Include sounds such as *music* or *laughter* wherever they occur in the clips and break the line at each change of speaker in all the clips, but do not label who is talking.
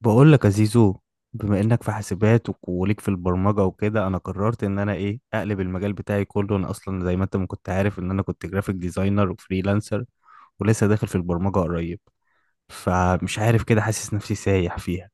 بقول لك يا زيزو. بما انك في حاسبات وليك في البرمجه وكده، انا قررت ان انا ايه اقلب المجال بتاعي كله. انا اصلا زي ما انت ما كنت عارف ان انا كنت جرافيك ديزاينر وفريلانسر، ولسه داخل في البرمجه قريب، فمش عارف كده حاسس نفسي سايح فيها.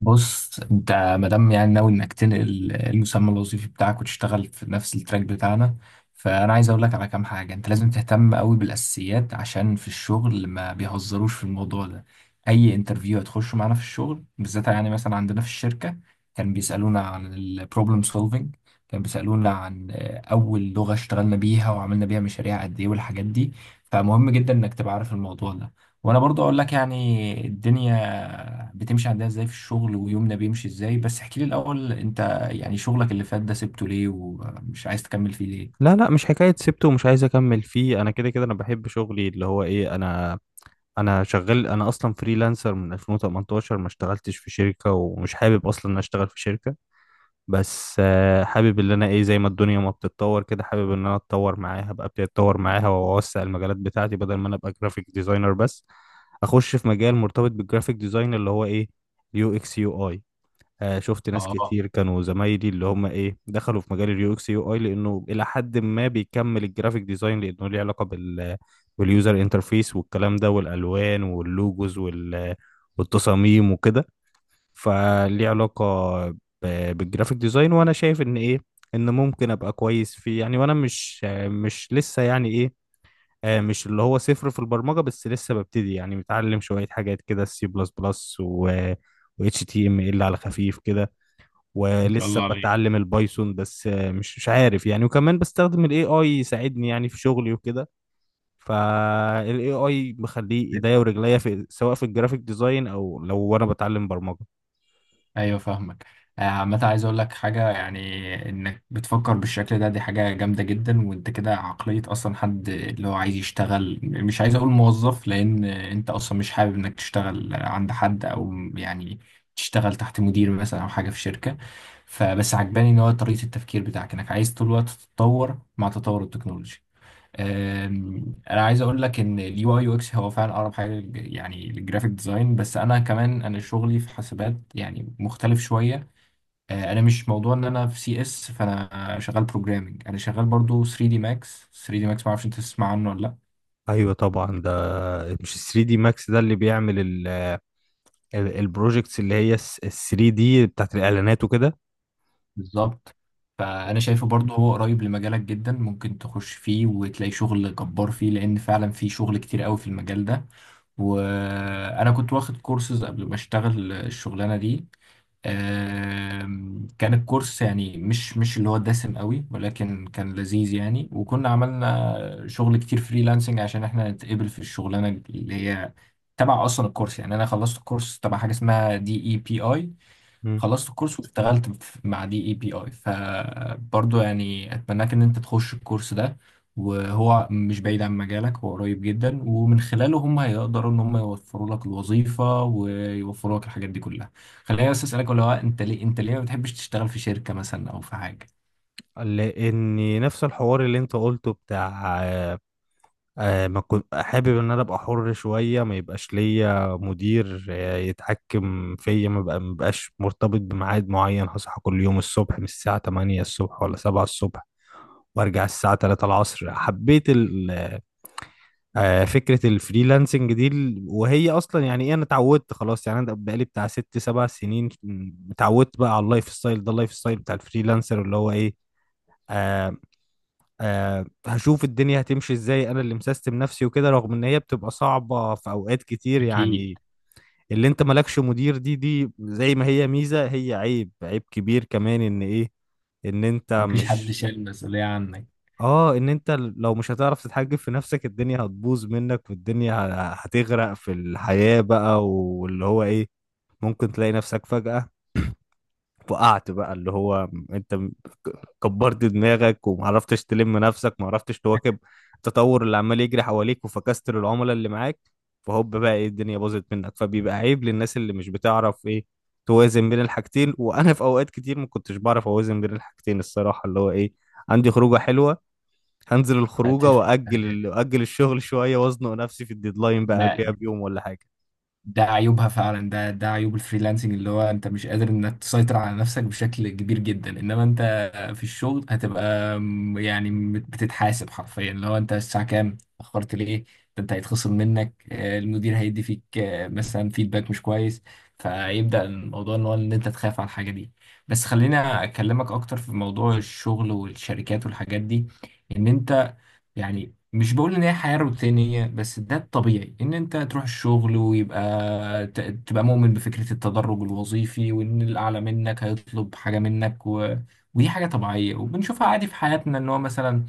بص انت، مادام يعني ناوي انك تنقل المسمى الوظيفي بتاعك وتشتغل في نفس التراك بتاعنا، فانا عايز اقول لك على كام حاجه. انت لازم تهتم قوي بالاساسيات، عشان في الشغل ما بيهزروش في الموضوع ده. اي انترفيو هتخشه معانا في الشغل بالذات، يعني مثلا عندنا في الشركه كان بيسالونا عن البروبلم سولفنج، كان بيسالونا عن اول لغه اشتغلنا بيها وعملنا بيها مشاريع قد ايه والحاجات دي. فمهم جدا انك تبقى عارف الموضوع ده. وانا برضو اقول لك يعني الدنيا بتمشي عندنا ازاي في الشغل، ويومنا بيمشي ازاي، بس احكي لي الاول انت، يعني شغلك اللي فات ده سبته ليه ومش عايز تكمل فيه ليه؟
لا لا، مش حكايه سبته ومش عايز اكمل فيه. انا كده كده انا بحب شغلي اللي هو ايه، انا شغال. انا اصلا فريلانسر من 2018، ما اشتغلتش في شركه ومش حابب اصلا ان أنا اشتغل في شركه. بس حابب ان انا ايه، زي ما الدنيا ما بتتطور كده حابب ان انا اتطور معاها، ابقى ابتدي اتطور معاها واوسع المجالات بتاعتي بدل ما انا ابقى جرافيك ديزاينر بس. اخش في مجال مرتبط بالجرافيك ديزاين اللي هو ايه، يو اكس يو اي. شفت ناس
اه،
كتير كانوا زمايلي اللي هم ايه دخلوا في مجال اليو اكس يو اي لانه الى حد ما بيكمل الجرافيك ديزاين، لانه ليه علاقة بال، باليوزر انترفيس والكلام ده والالوان واللوجوز وال، والتصاميم وكده. فليه علاقة بالجرافيك ديزاين، وانا شايف ان ايه، ان ممكن ابقى كويس فيه يعني. وانا مش لسه يعني ايه، مش اللي هو صفر في البرمجة، بس لسه ببتدي يعني، متعلم شوية حاجات كده، السي بلس بلس و، و HTML على خفيف كده.
ما شاء
ولسه
الله عليك.
بتعلم البايثون، بس مش عارف يعني. وكمان بستخدم ال AI يساعدني يعني في شغلي وكده. فال AI مخليه ايديا ورجليا، في سواء في الجرافيك ديزاين او لو وانا بتعلم برمجة.
ايوه، فاهمك. عامة عايز اقول لك حاجة، يعني انك بتفكر بالشكل ده دي حاجة جامدة جدا، وانت كده عقلية اصلا حد اللي هو عايز يشتغل، مش عايز اقول موظف، لان انت اصلا مش حابب انك تشتغل عند حد، او يعني تشتغل تحت مدير مثلا او حاجة في شركة. فبس عجباني ان هو طريقة التفكير بتاعك، انك عايز طول الوقت تتطور مع تطور التكنولوجيا. انا عايز اقول لك ان اليو اي يو اكس هو فعلا اقرب حاجه يعني للجرافيك ديزاين، بس انا كمان انا شغلي في حاسبات يعني مختلف شويه. انا مش موضوع ان انا في سي اس، فانا شغال بروجرامنج، انا شغال برضو 3 دي ماكس. 3 دي ماكس ما اعرفش انت تسمع عنه ولا لا.
ايوه طبعا، ده مش 3 دي ماكس ده اللي بيعمل البروجكتس اللي هي 3 دي بتاعت الاعلانات وكده؟
بالظبط. فانا شايفه برضه هو قريب لمجالك جدا، ممكن تخش فيه وتلاقي شغل جبار فيه، لان فعلا في شغل كتير قوي في المجال ده. وانا كنت واخد كورسز قبل ما اشتغل الشغلانه دي. كان الكورس يعني مش اللي هو دسم قوي، ولكن كان لذيذ يعني، وكنا عملنا شغل كتير فريلانسنج عشان احنا نتقبل في الشغلانه اللي هي تبع اصلا الكورس. يعني انا خلصت الكورس تبع حاجه اسمها دي اي بي اي.
مم.
خلصت الكورس واشتغلت مع دي اي بي اي. فبرضه يعني اتمناك ان انت تخش الكورس ده، وهو مش بعيد عن مجالك، هو قريب جدا، ومن خلاله هم هيقدروا ان هم يوفروا لك الوظيفة ويوفروا لك الحاجات دي كلها. خليني بس اسالك، ولا هو انت ليه ما بتحبش تشتغل في شركة مثلا او في حاجة؟
لان نفس الحوار اللي انت قلته بتاع ما كنت حابب ان انا ابقى حر شويه، ما يبقاش ليا مدير يتحكم فيا، ما بقاش مرتبط بميعاد معين، هصحى كل يوم الصبح من الساعه 8 الصبح ولا 7 الصبح، وارجع الساعه 3 العصر. حبيت فكرة الفريلانسنج دي. وهي أصلا يعني إيه، أنا اتعودت خلاص، يعني أنا بقالي بتاع ست سبع سنين، اتعودت بقى على اللايف ستايل ده، اللايف ستايل بتاع الفريلانسر اللي هو إيه، آه هشوف الدنيا هتمشي إزاي. أنا اللي مسيستم نفسي وكده، رغم إن هي بتبقى صعبة في أوقات كتير
اكيد.
يعني. اللي أنت مالكش مدير، دي زي ما هي ميزة هي عيب، عيب كبير كمان، إن إيه، إن أنت
مفيش حد
مش.
شايل المسؤولية عنك.
اه، ان انت لو مش هتعرف تتحجب في نفسك الدنيا هتبوظ منك، والدنيا هتغرق في الحياة بقى، واللي هو ايه، ممكن تلاقي نفسك فجأة وقعت بقى، اللي هو انت كبرت دماغك ومعرفتش تلم نفسك، معرفتش تواكب التطور اللي عمال يجري حواليك، وفكست للعملاء اللي معاك. فهوب بقى ايه، الدنيا باظت منك. فبيبقى عيب للناس اللي مش بتعرف ايه، توازن بين الحاجتين. وانا في اوقات كتير ما كنتش بعرف اوازن بين الحاجتين الصراحة، اللي هو ايه، عندي خروجة حلوة، هنزل الخروجه
هتفرق في حاجات.
واجل، واجل الشغل شويه، وازنق نفسي في الديدلاين بقى
ما
قبلها بيوم ولا حاجه.
ده عيوبها فعلا، ده عيوب الفريلانسنج، اللي هو انت مش قادر انك تسيطر على نفسك بشكل كبير جدا، انما انت في الشغل هتبقى يعني بتتحاسب حرفيا، اللي هو انت الساعة كام اتأخرت ليه. ده انت هيتخصم منك، المدير هيدي فيك مثلا فيدباك مش كويس. فيبدأ الموضوع ان هو ان انت تخاف على الحاجة دي. بس خلينا اكلمك اكتر في موضوع الشغل والشركات والحاجات دي. ان انت يعني مش بقول ان هي حياة روتينية، بس ده الطبيعي ان انت تروح الشغل ويبقى تبقى مؤمن بفكرة التدرج الوظيفي، وان الاعلى منك هيطلب حاجة منك. و... ودي حاجة طبيعية وبنشوفها عادي في حياتنا، ان هو مثلا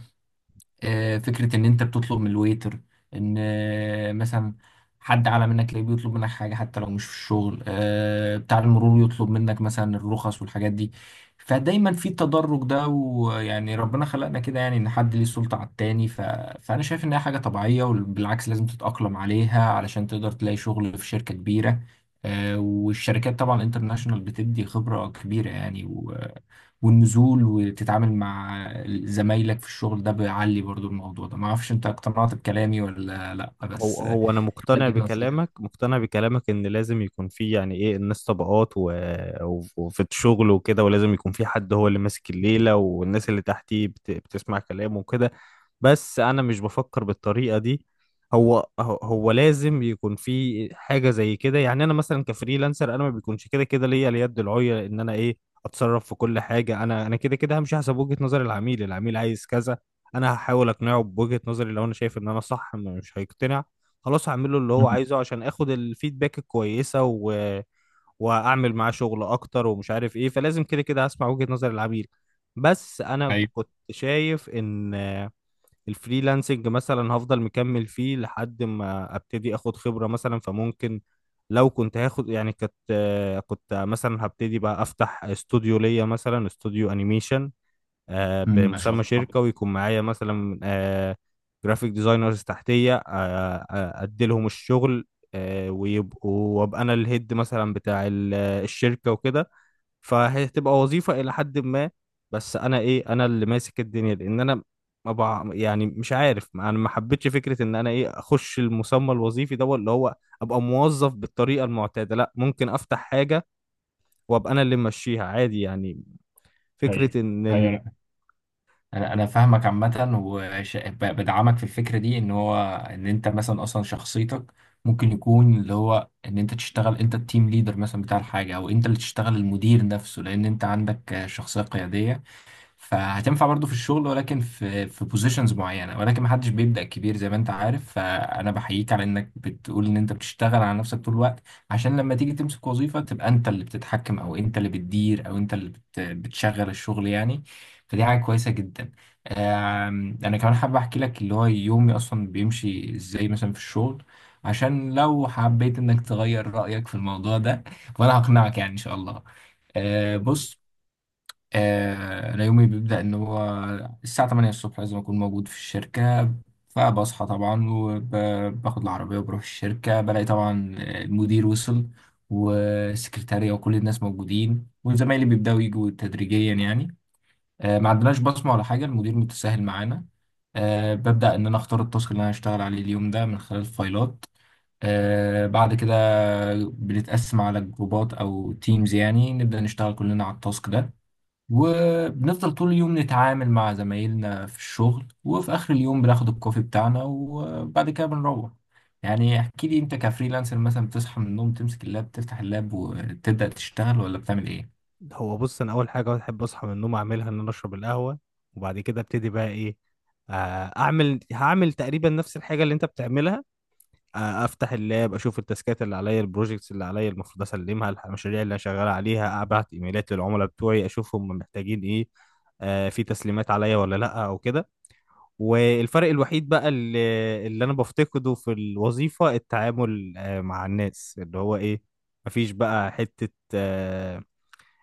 فكرة إن أنت بتطلب من الويتر، إن مثلا حد أعلى منك تلاقيه بيطلب منك حاجة حتى لو مش في الشغل، بتاع المرور يطلب منك مثلا الرخص والحاجات دي. فدايما في التدرج ده، ويعني ربنا خلقنا كده، يعني إن حد ليه السلطة على التاني. ف... فأنا شايف إن هي حاجة طبيعية، وبالعكس لازم تتأقلم عليها علشان تقدر تلاقي شغل في شركة كبيرة. والشركات طبعا انترناشونال بتدي خبرة كبيرة يعني. والنزول وتتعامل مع زمايلك في الشغل ده بيعلي برضو الموضوع ده. ما اعرفش انت اقتنعت بكلامي ولا لا،
هو
بس
هو انا مقتنع
بديك نصيحة.
بكلامك، مقتنع بكلامك ان لازم يكون في يعني ايه، الناس طبقات و... وفي الشغل وكده، ولازم يكون في حد هو اللي ماسك الليلة، والناس اللي تحتيه بت... بتسمع كلامه وكده. بس انا مش بفكر بالطريقة دي. هو لازم يكون في حاجة زي كده يعني. انا مثلا كفريلانسر انا ما بيكونش كده كده ليا اليد العليا ان انا ايه، اتصرف في كل حاجة. انا كده كده همشي حسب وجهة نظر العميل، العميل عايز كذا، انا هحاول اقنعه بوجهة نظري. لو انا شايف ان انا صح مش هيقتنع، خلاص هعمله اللي هو
مم.
عايزه عشان اخد الفيدباك الكويسه و... واعمل معاه شغل اكتر، ومش عارف ايه. فلازم كده كده هسمع وجهة نظر العميل. بس انا
ايوه.
كنت شايف ان الفريلانسنج مثلا هفضل مكمل فيه لحد ما ابتدي اخد خبرة مثلا. فممكن لو كنت هاخد يعني، كنت كنت مثلا هبتدي بقى افتح استوديو ليا، مثلا استوديو انيميشن
مم، ما شاء
بمسمى
الله.
شركة، ويكون معايا مثلا جرافيك ديزاينرز تحتية، أديلهم الشغل ويبقوا، وأبقى أنا الهيد مثلا بتاع الشركة وكده. فهتبقى وظيفة إلى حد ما، بس أنا إيه أنا اللي ماسك الدنيا، لأن أنا ما بع... يعني مش عارف، أنا ما حبيتش فكرة إن أنا إيه أخش المسمى الوظيفي ده اللي هو، أبقى موظف بالطريقة المعتادة. لأ ممكن أفتح حاجة وأبقى أنا اللي ماشيها عادي يعني.
ايوه،
فكرة إن
ايوه، انا انا أنا فاهمك. عامة وبدعمك في الفكرة دي، ان هو ان انت مثلا اصلا شخصيتك ممكن يكون اللي هو ان انت تشتغل انت التيم ليدر مثلا بتاع الحاجة، او انت اللي تشتغل المدير نفسه، لان انت عندك شخصية قيادية. فهتنفع برضو في الشغل، ولكن في بوزيشنز معينه. ولكن ما حدش بيبدا كبير، زي ما انت عارف. فانا بحييك على انك بتقول ان انت بتشتغل على نفسك طول الوقت، عشان لما تيجي تمسك وظيفه تبقى انت اللي بتتحكم، او انت اللي بتدير، او انت اللي بتشغل الشغل يعني. فدي حاجه كويسه جدا. انا كمان حابب احكي لك اللي هو يومي اصلا بيمشي ازاي مثلا في الشغل، عشان لو حبيت انك تغير رايك في الموضوع ده وانا هقنعك يعني ان شاء الله.
ال...
بص، أنا يومي بيبدأ إن هو الساعة 8 الصبح لازم أكون موجود في الشركة. فبصحى طبعا وباخد العربية وبروح الشركة، بلاقي طبعا المدير وصل، والسكرتارية وكل الناس موجودين، وزمايلي بيبدأوا يجوا تدريجيا يعني. ما عندناش بصمة ولا حاجة، المدير متساهل معانا. ببدأ إن أنا أختار التاسك اللي أنا هشتغل عليه اليوم ده من خلال الفايلات. بعد كده بنتقسم على جروبات أو تيمز، يعني نبدأ نشتغل كلنا على التاسك ده. وبنفضل طول اليوم نتعامل مع زمايلنا في الشغل، وفي آخر اليوم بناخد الكوفي بتاعنا وبعد كده بنروح. يعني احكي لي انت كفريلانسر، مثلا بتصحى من النوم تمسك اللاب، تفتح اللاب وتبدأ تشتغل، ولا بتعمل ايه؟
هو بص، انا اول حاجه بحب اصحى من النوم اعملها ان انا اشرب القهوه. وبعد كده ابتدي بقى ايه، اعمل هعمل تقريبا نفس الحاجه اللي انت بتعملها. افتح اللاب، اشوف التاسكات اللي عليا، البروجكتس اللي عليا المفروض اسلمها، المشاريع اللي انا شغال عليها، ابعت ايميلات للعملاء بتوعي اشوف هم محتاجين ايه، في تسليمات عليا ولا لا او كده. والفرق الوحيد بقى اللي انا بفتقده في الوظيفه التعامل مع الناس، اللي هو ايه، مفيش بقى حته آه،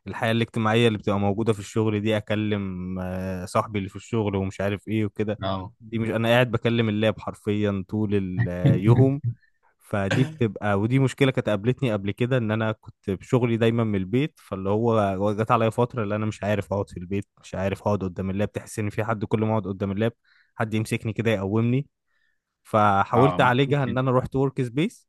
الحياة الاجتماعية اللي بتبقى موجودة في الشغل دي. أكلم صاحبي اللي في الشغل، ومش عارف إيه وكده.
اه.
دي مش، أنا قاعد بكلم اللاب حرفيا طول اليوم.
*laughs*
فدي بتبقى، ودي مشكلة كانت قابلتني قبل كده، إن أنا كنت بشغلي دايما من البيت. فاللي هو جت عليا فترة اللي أنا مش عارف أقعد في البيت، مش عارف أقعد قدام اللاب، تحس إن في حد كل ما أقعد قدام اللاب حد يمسكني كده يقومني.
اه،
فحاولت
مخنوق.
أعالجها إن أنا رحت ورك سبيس،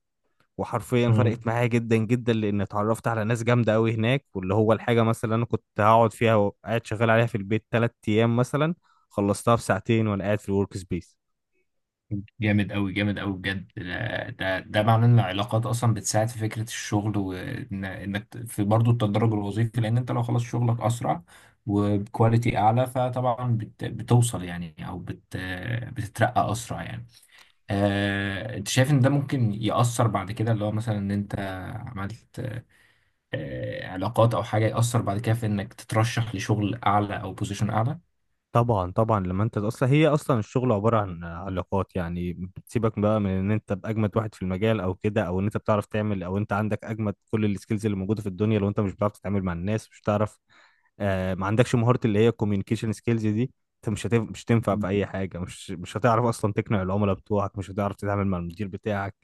وحرفيا فرقت معايا جدا جدا، لان اتعرفت على ناس جامده قوي هناك. واللي هو الحاجه مثلا اللي انا كنت هقعد فيها وقاعد شغال عليها في البيت ثلاث ايام مثلا، خلصتها في ساعتين وانا قاعد في الورك سبيس.
جامد أوي، جامد أوي، بجد. ده معناه إن العلاقات أصلا بتساعد في فكرة الشغل، وإنك في برضو التدرج الوظيفي، لأن أنت لو خلصت شغلك أسرع وبكواليتي أعلى، فطبعا بتوصل يعني، أو بتترقى أسرع يعني. أنت شايف إن ده ممكن يأثر بعد كده، اللي هو مثلا إن أنت عملت علاقات أو حاجة، يأثر بعد كده في إنك تترشح لشغل أعلى أو بوزيشن أعلى؟
طبعا طبعا، لما انت اصلا، هي اصلا الشغل عباره عن علاقات يعني. بتسيبك بقى من ان انت باجمد واحد في المجال او كده، او ان انت بتعرف تعمل، او انت عندك اجمد كل السكيلز اللي موجوده في الدنيا، لو انت مش بتعرف تتعامل مع الناس، مش بتعرف ما عندكش مهاره اللي هي الكوميونيكيشن سكيلز دي، انت مش هتنفع في اي حاجه، مش هتعرف اصلا تقنع العملاء بتوعك، مش هتعرف تتعامل مع المدير بتاعك.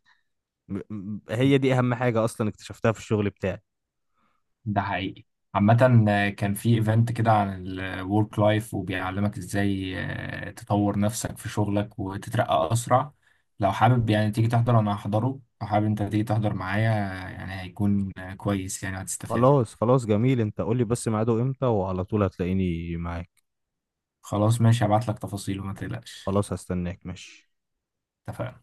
هي دي اهم حاجه اصلا اكتشفتها في الشغل بتاعي.
ده حقيقي. عامة كان في ايفنت كده عن الورك لايف، وبيعلمك ازاي تطور نفسك في شغلك وتترقى اسرع. لو حابب يعني تيجي تحضر انا هحضره، لو حابب انت تيجي تحضر معايا. يعني هيكون كويس يعني هتستفاد.
خلاص خلاص جميل، انت قول لي بس ميعاده امتى وعلى طول هتلاقيني معاك.
خلاص ماشي، هبعت لك تفاصيله ما تقلقش.
خلاص هستناك، ماشي.
اتفقنا.